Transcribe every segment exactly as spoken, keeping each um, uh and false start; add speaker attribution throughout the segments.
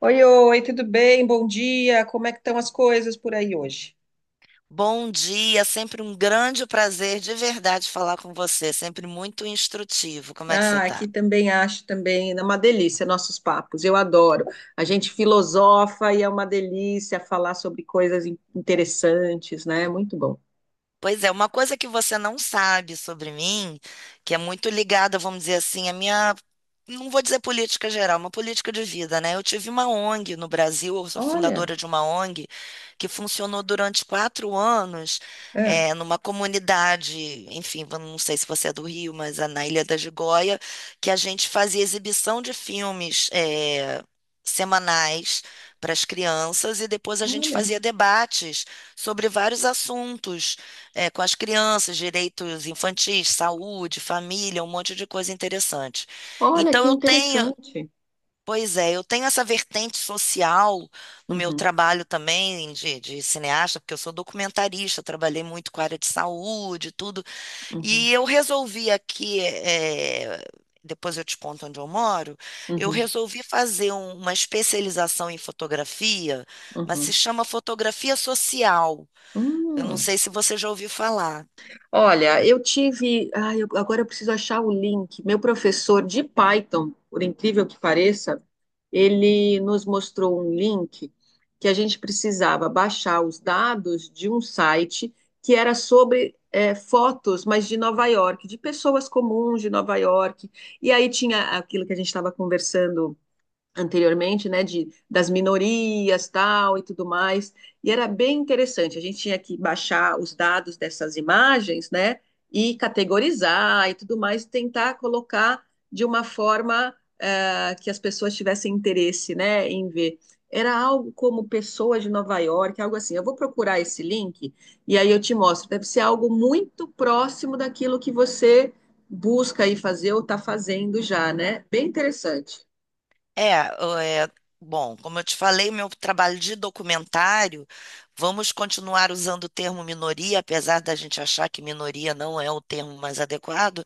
Speaker 1: Oi, oi, tudo bem? Bom dia. Como é que estão as coisas por aí hoje?
Speaker 2: Bom dia, sempre um grande prazer de verdade falar com você, sempre muito instrutivo. Como é que você
Speaker 1: Ah,
Speaker 2: está?
Speaker 1: aqui também acho também é uma delícia nossos papos. Eu adoro. A gente filosofa e é uma delícia falar sobre coisas in- interessantes, né? Muito bom.
Speaker 2: Pois é, uma coisa que você não sabe sobre mim, que é muito ligada, vamos dizer assim, à minha, não vou dizer política geral, uma política de vida, né? Eu tive uma O N G no Brasil, eu sou
Speaker 1: Olha,
Speaker 2: fundadora de uma O N G que funcionou durante quatro anos,
Speaker 1: é,
Speaker 2: eh, numa comunidade, enfim, eu não sei se você é do Rio, mas é na Ilha da Gigoia, que a gente fazia exibição de filmes, eh, semanais para as crianças e depois a gente
Speaker 1: olha,
Speaker 2: fazia debates sobre vários assuntos é, com as crianças, direitos infantis, saúde, família, um monte de coisa interessante.
Speaker 1: olha
Speaker 2: Então
Speaker 1: que
Speaker 2: eu tenho,
Speaker 1: interessante.
Speaker 2: pois é, eu tenho essa vertente social no meu
Speaker 1: Uhum,
Speaker 2: trabalho também de, de cineasta, porque eu sou documentarista, trabalhei muito com a área de saúde, tudo,
Speaker 1: uhum,
Speaker 2: e eu resolvi aqui, é, depois eu te conto onde eu moro, eu
Speaker 1: uhum,
Speaker 2: resolvi fazer um- uma especialização em fotografia, mas se
Speaker 1: uhum.
Speaker 2: chama fotografia social. Eu não
Speaker 1: Hum.
Speaker 2: sei se você já ouviu falar.
Speaker 1: Olha, eu tive. Ai, eu- agora eu preciso achar o link. Meu professor de Python, por incrível que pareça, ele nos mostrou um link que a gente precisava baixar os dados de um site que era sobre eh, fotos, mas de Nova York, de pessoas comuns de Nova York. E aí tinha aquilo que a gente estava conversando anteriormente, né, de, das minorias, tal, e tudo mais, e era bem interessante, a gente tinha que baixar os dados dessas imagens, né, e categorizar e tudo mais, tentar colocar de uma forma eh, que as pessoas tivessem interesse, né, em ver. Era algo como pessoas de Nova York, algo assim. Eu vou procurar esse link e aí eu te mostro. Deve ser algo muito próximo daquilo que você busca aí fazer ou está fazendo já, né? Bem interessante.
Speaker 2: É, o- é, Bom, como eu te falei, meu trabalho de documentário, vamos continuar usando o termo minoria, apesar da gente achar que minoria não é o termo mais adequado,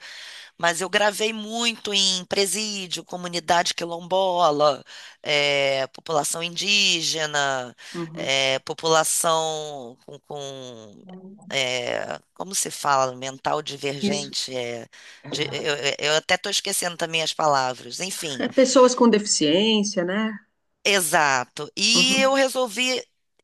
Speaker 2: mas eu gravei muito em presídio, comunidade quilombola, é, população indígena,
Speaker 1: Uhum.
Speaker 2: é, população com, com, é, como se fala, mental
Speaker 1: Isso.
Speaker 2: divergente, é, de- eu eu- eu até estou esquecendo também as palavras,
Speaker 1: É
Speaker 2: enfim.
Speaker 1: pessoas com deficiência, né?
Speaker 2: Exato. E eu
Speaker 1: Uhum,
Speaker 2: resolvi.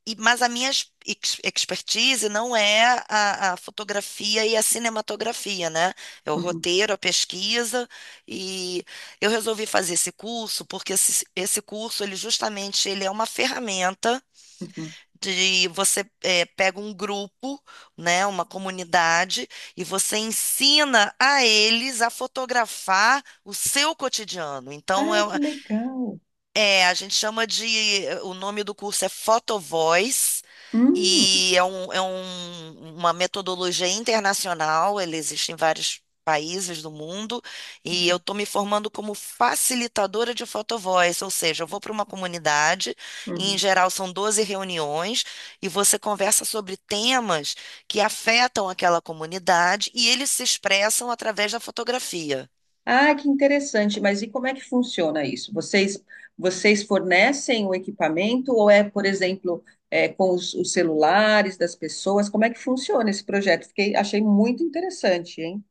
Speaker 2: e- Mas a minha ex- ex- expertise não é a, a fotografia e a cinematografia, né? É o
Speaker 1: uhum,
Speaker 2: roteiro, a pesquisa. E eu resolvi fazer esse curso porque esse, esse curso, ele justamente, ele é uma ferramenta
Speaker 1: uhum.
Speaker 2: de você eh, pega um grupo, né, uma comunidade, e você ensina a eles a fotografar o seu cotidiano. Então, é,
Speaker 1: Ah, que legal.
Speaker 2: é, a gente chama de. eh, O nome do curso é Photovoice
Speaker 1: Hum,
Speaker 2: e é, um, é um- uma metodologia internacional, ele existe em vários países do mundo, e eu
Speaker 1: uhum,
Speaker 2: estou me formando como facilitadora de Photovoice, ou seja, eu vou para uma comunidade, e em
Speaker 1: uhum.
Speaker 2: geral são doze reuniões, e você conversa sobre temas que afetam aquela comunidade e eles se expressam através da fotografia.
Speaker 1: Ah, que interessante. Mas e como é que funciona isso? Vocês, vocês fornecem o equipamento ou é, por exemplo, é, com os, os celulares das pessoas? Como é que funciona esse projeto? Fiquei, achei muito interessante, hein?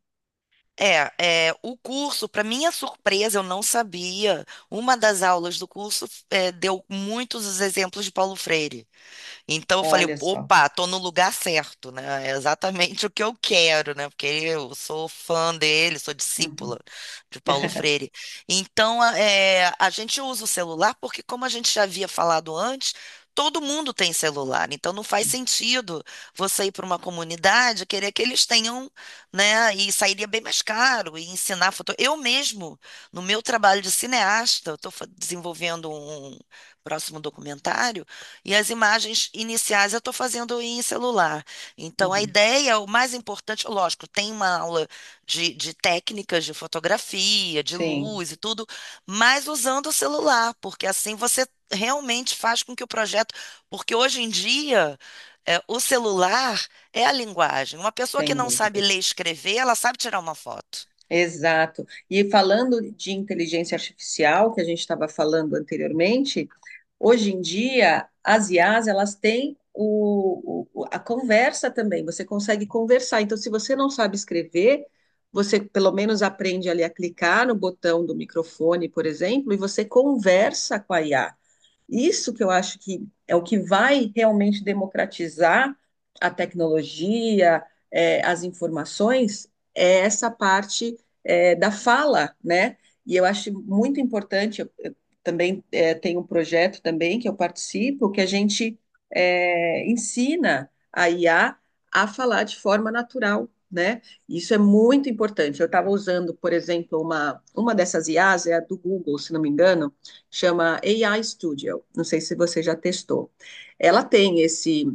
Speaker 2: É, é, o curso, para minha surpresa, eu não sabia. Uma das aulas do curso é, deu muitos os exemplos de Paulo Freire. Então eu falei,
Speaker 1: Olha só.
Speaker 2: opa, tô no lugar certo, né? É exatamente o que eu quero, né? Porque eu sou fã dele, sou
Speaker 1: Uhum,
Speaker 2: discípula de Paulo Freire. Então a é, a gente usa o celular porque, como a gente já havia falado antes, todo mundo tem celular. Então não faz
Speaker 1: uhum.
Speaker 2: sentido você ir para uma comunidade e querer que eles tenham, né? E sairia bem mais caro e ensinar foto. Eu mesmo, no meu trabalho de cineasta, eu estou desenvolvendo um um próximo documentário. E as imagens iniciais eu estou fazendo em celular. Então, a
Speaker 1: Uhum.
Speaker 2: ideia, o mais importante, lógico, tem uma aula de, de técnicas de fotografia, de
Speaker 1: Sim,
Speaker 2: luz e tudo, mas usando o celular, porque assim você realmente faz com que o projeto. Porque hoje em dia, é, o celular é a linguagem. Uma pessoa que
Speaker 1: sem
Speaker 2: não sabe
Speaker 1: dúvida.
Speaker 2: ler e escrever, ela sabe tirar uma foto.
Speaker 1: Exato. E falando de inteligência artificial, que a gente estava falando anteriormente, hoje em dia as I As elas têm o, o- a conversa também. Você consegue conversar. Então, se você não sabe escrever, você pelo menos aprende ali a clicar no botão do microfone, por exemplo, e você conversa com a I A. Isso que eu acho que é o que vai realmente democratizar a tecnologia, é, as informações, é essa parte é, da fala, né? E eu acho muito importante, eu, eu também é, tenho um projeto também que eu participo, que a gente é, ensina a IA a a falar de forma natural, né? Isso é muito importante. Eu estava usando, por exemplo, uma, uma dessas I As, é a do Google, se não me engano, chama A I Studio. Não sei se você já testou. Ela tem esse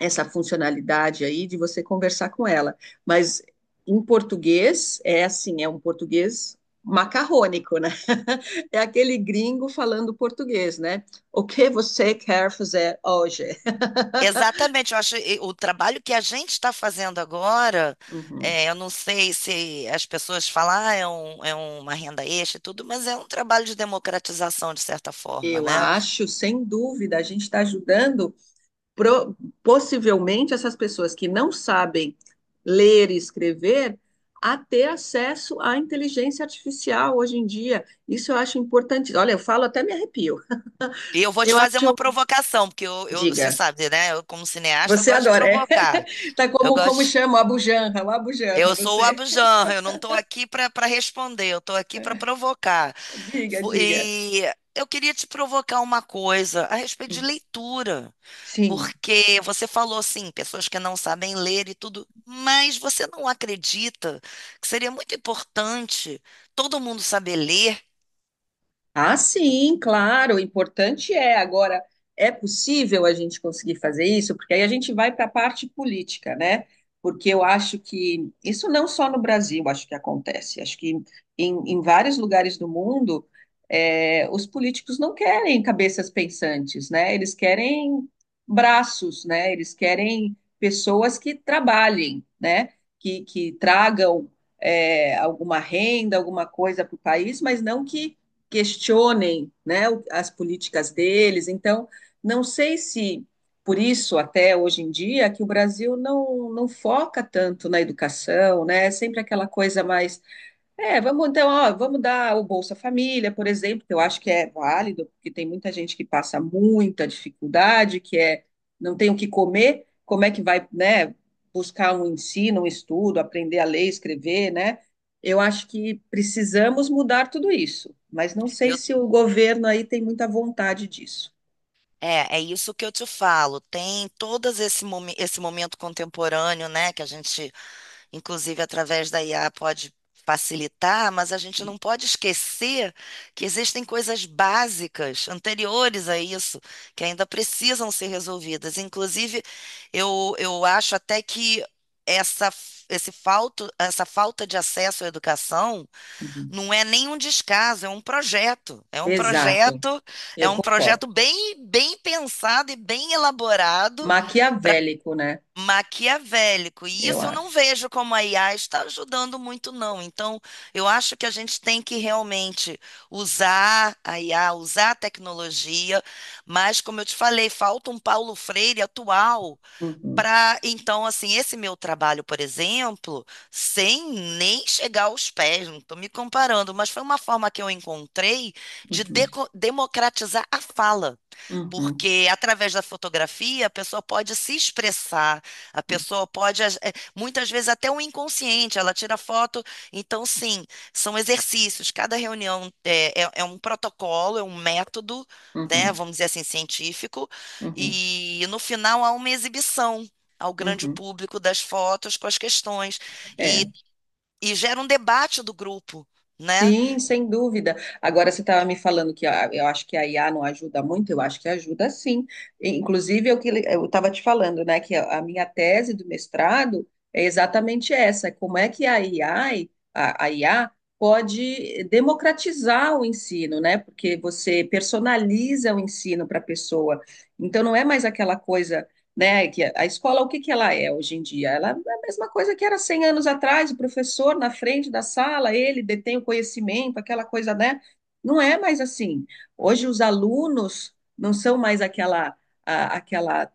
Speaker 1: essa funcionalidade aí de você conversar com ela, mas em português é assim, é um português macarrônico, né? É aquele gringo falando português, né? O que você quer fazer hoje?
Speaker 2: Exatamente, eu acho e- o trabalho que a gente está fazendo agora,
Speaker 1: Uhum.
Speaker 2: é, eu não sei se as pessoas falam, ah, é, um- é uma renda extra e tudo, mas é um trabalho de democratização, de certa forma,
Speaker 1: Eu
Speaker 2: né?
Speaker 1: acho, sem dúvida, a gente está ajudando pro- possivelmente essas pessoas que não sabem ler e escrever a ter acesso à inteligência artificial hoje em dia. Isso eu acho importante. Olha, eu falo até me arrepio.
Speaker 2: E eu vou te fazer uma provocação, porque eu, eu- você
Speaker 1: Diga,
Speaker 2: sabe, né? Eu, como cineasta, eu
Speaker 1: você
Speaker 2: gosto de
Speaker 1: adora, é?
Speaker 2: provocar.
Speaker 1: Tá
Speaker 2: Eu
Speaker 1: como como
Speaker 2: gosto.
Speaker 1: chama o Abujanra, o Abujanra,
Speaker 2: Eu sou o
Speaker 1: você.
Speaker 2: Abujamra, eu não estou aqui para para responder, eu estou aqui para provocar.
Speaker 1: Diga,
Speaker 2: Vo-
Speaker 1: diga.
Speaker 2: E eu queria te provocar uma coisa a respeito de leitura.
Speaker 1: Sim.
Speaker 2: Porque você falou assim, pessoas que não sabem ler e tudo, mas você não acredita que seria muito importante todo mundo saber ler?
Speaker 1: Ah, sim, claro, o importante é agora, é possível a gente conseguir fazer isso, porque aí a gente vai para a parte política, né? Porque eu acho que isso não só no Brasil, acho que acontece, acho que em, em vários lugares do mundo, eh, os políticos não querem cabeças pensantes, né? Eles querem braços, né? Eles querem pessoas que trabalhem, né? Que, que tragam, eh, alguma renda, alguma coisa para o país, mas não que questionem né, as políticas deles. Então, não sei se por isso até hoje em dia que o Brasil não, não foca tanto na educação, né? É sempre aquela coisa mais é, vamos então, ó, vamos dar o Bolsa Família, por exemplo, que eu acho que é válido, porque tem muita gente que passa muita dificuldade, que é não tem o que comer, como é que vai, né, buscar um ensino, um estudo, aprender a ler, escrever, né? Eu acho que precisamos mudar tudo isso, mas não sei
Speaker 2: Eu,
Speaker 1: se o governo aí tem muita vontade disso.
Speaker 2: é, é isso que eu te falo. Tem todo esse, momen- esse momento contemporâneo, né, que a gente Inclusive, através da I A pode facilitar, mas a gente não pode esquecer que existem coisas básicas anteriores a isso que ainda precisam ser resolvidas. Inclusive, eu, eu acho até que essa, esse falto, essa falta de acesso à educação
Speaker 1: Uhum.
Speaker 2: não é nem um descaso, é um projeto. É um
Speaker 1: Exato,
Speaker 2: projeto, é
Speaker 1: eu
Speaker 2: um
Speaker 1: concordo.
Speaker 2: projeto bem, bem pensado e bem elaborado
Speaker 1: Maquiavélico, né?
Speaker 2: maquiavélico. E
Speaker 1: Eu
Speaker 2: isso eu não
Speaker 1: acho.
Speaker 2: vejo como a I A está ajudando muito, não. Então, eu acho que a gente tem que realmente usar a I A, usar a tecnologia, mas, como eu te falei, falta um Paulo Freire atual.
Speaker 1: Uhum,
Speaker 2: Para, então, assim, esse meu trabalho, por exemplo, sem nem chegar aos pés, não estou me comparando, mas foi uma forma que eu encontrei de
Speaker 1: uhum,
Speaker 2: deco- democratizar a fala.
Speaker 1: uhum,
Speaker 2: Porque através da fotografia a pessoa pode se expressar, a pessoa pode, as- eh, muitas vezes até o inconsciente, ela tira foto. Então, sim, são exercícios. Cada reunião é, é- é um protocolo, é um método, né,
Speaker 1: uhum,
Speaker 2: vamos dizer assim, científico,
Speaker 1: uhum, uhum.
Speaker 2: e no final há uma exibição ao grande
Speaker 1: Uhum.
Speaker 2: público das fotos com as questões. E,
Speaker 1: É.
Speaker 2: e gera um debate do grupo. Né?
Speaker 1: Sim, sem dúvida. Agora você estava me falando que a- eu acho que a I A não ajuda muito, eu acho que ajuda sim. E, inclusive, eu que eu estava te falando, né, que a a minha tese do mestrado é exatamente essa, como é que a AI, a, a I A pode democratizar o ensino, né? Porque você personaliza o ensino para a pessoa. Então não é mais aquela coisa, né, que a a escola o que que ela é hoje em dia? É a mesma coisa que era cem anos atrás, o professor na frente da sala, ele detém o conhecimento, aquela coisa, né? Não é mais assim. Hoje os alunos não são mais aquela a- aquela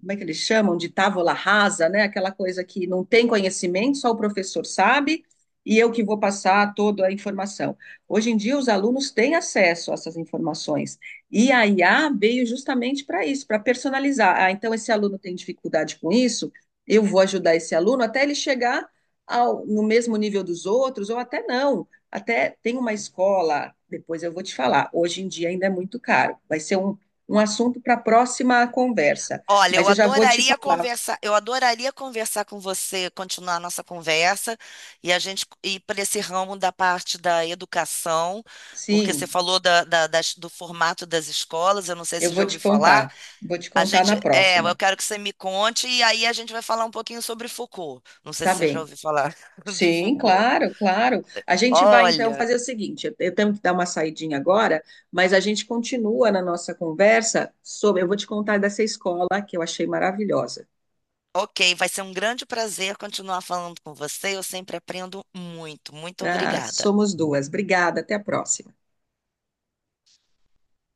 Speaker 1: como é que eles chamam, de távola rasa, né? Aquela coisa que não tem conhecimento, só o professor sabe, e eu que vou passar toda a informação. Hoje em dia, os alunos têm acesso a essas informações, e a I A veio justamente para isso, para personalizar. Ah, então, esse aluno tem dificuldade com isso, eu vou ajudar esse aluno até ele chegar ao, no mesmo nível dos outros, ou até não. Até tem uma escola, depois eu vou te falar, hoje em dia ainda é muito caro, vai ser um, um assunto para a próxima conversa.
Speaker 2: Olha,
Speaker 1: Mas
Speaker 2: eu
Speaker 1: eu já vou te
Speaker 2: adoraria
Speaker 1: falar.
Speaker 2: conversar, eu adoraria conversar com você, continuar a nossa conversa e a gente ir para esse ramo da parte da educação, porque você
Speaker 1: Sim,
Speaker 2: falou da- da- das- do formato das escolas, eu não sei se
Speaker 1: eu
Speaker 2: você já
Speaker 1: vou te
Speaker 2: ouviu falar.
Speaker 1: contar. Vou te
Speaker 2: A
Speaker 1: contar na
Speaker 2: gente, é, eu
Speaker 1: próxima.
Speaker 2: quero que você me conte e aí a gente vai falar um pouquinho sobre Foucault. Não sei
Speaker 1: Tá
Speaker 2: se você já
Speaker 1: bem.
Speaker 2: ouviu falar de
Speaker 1: Sim,
Speaker 2: Foucault.
Speaker 1: claro, claro. A gente vai então
Speaker 2: Olha,
Speaker 1: fazer o seguinte: eu eu tenho que dar uma saidinha agora, mas a gente continua na nossa conversa sobre. Eu vou te contar dessa escola que eu achei maravilhosa.
Speaker 2: ok, vai ser um grande prazer continuar falando com você. Eu sempre aprendo muito. Muito
Speaker 1: Ah,
Speaker 2: obrigada.
Speaker 1: somos duas. Obrigada, até a próxima.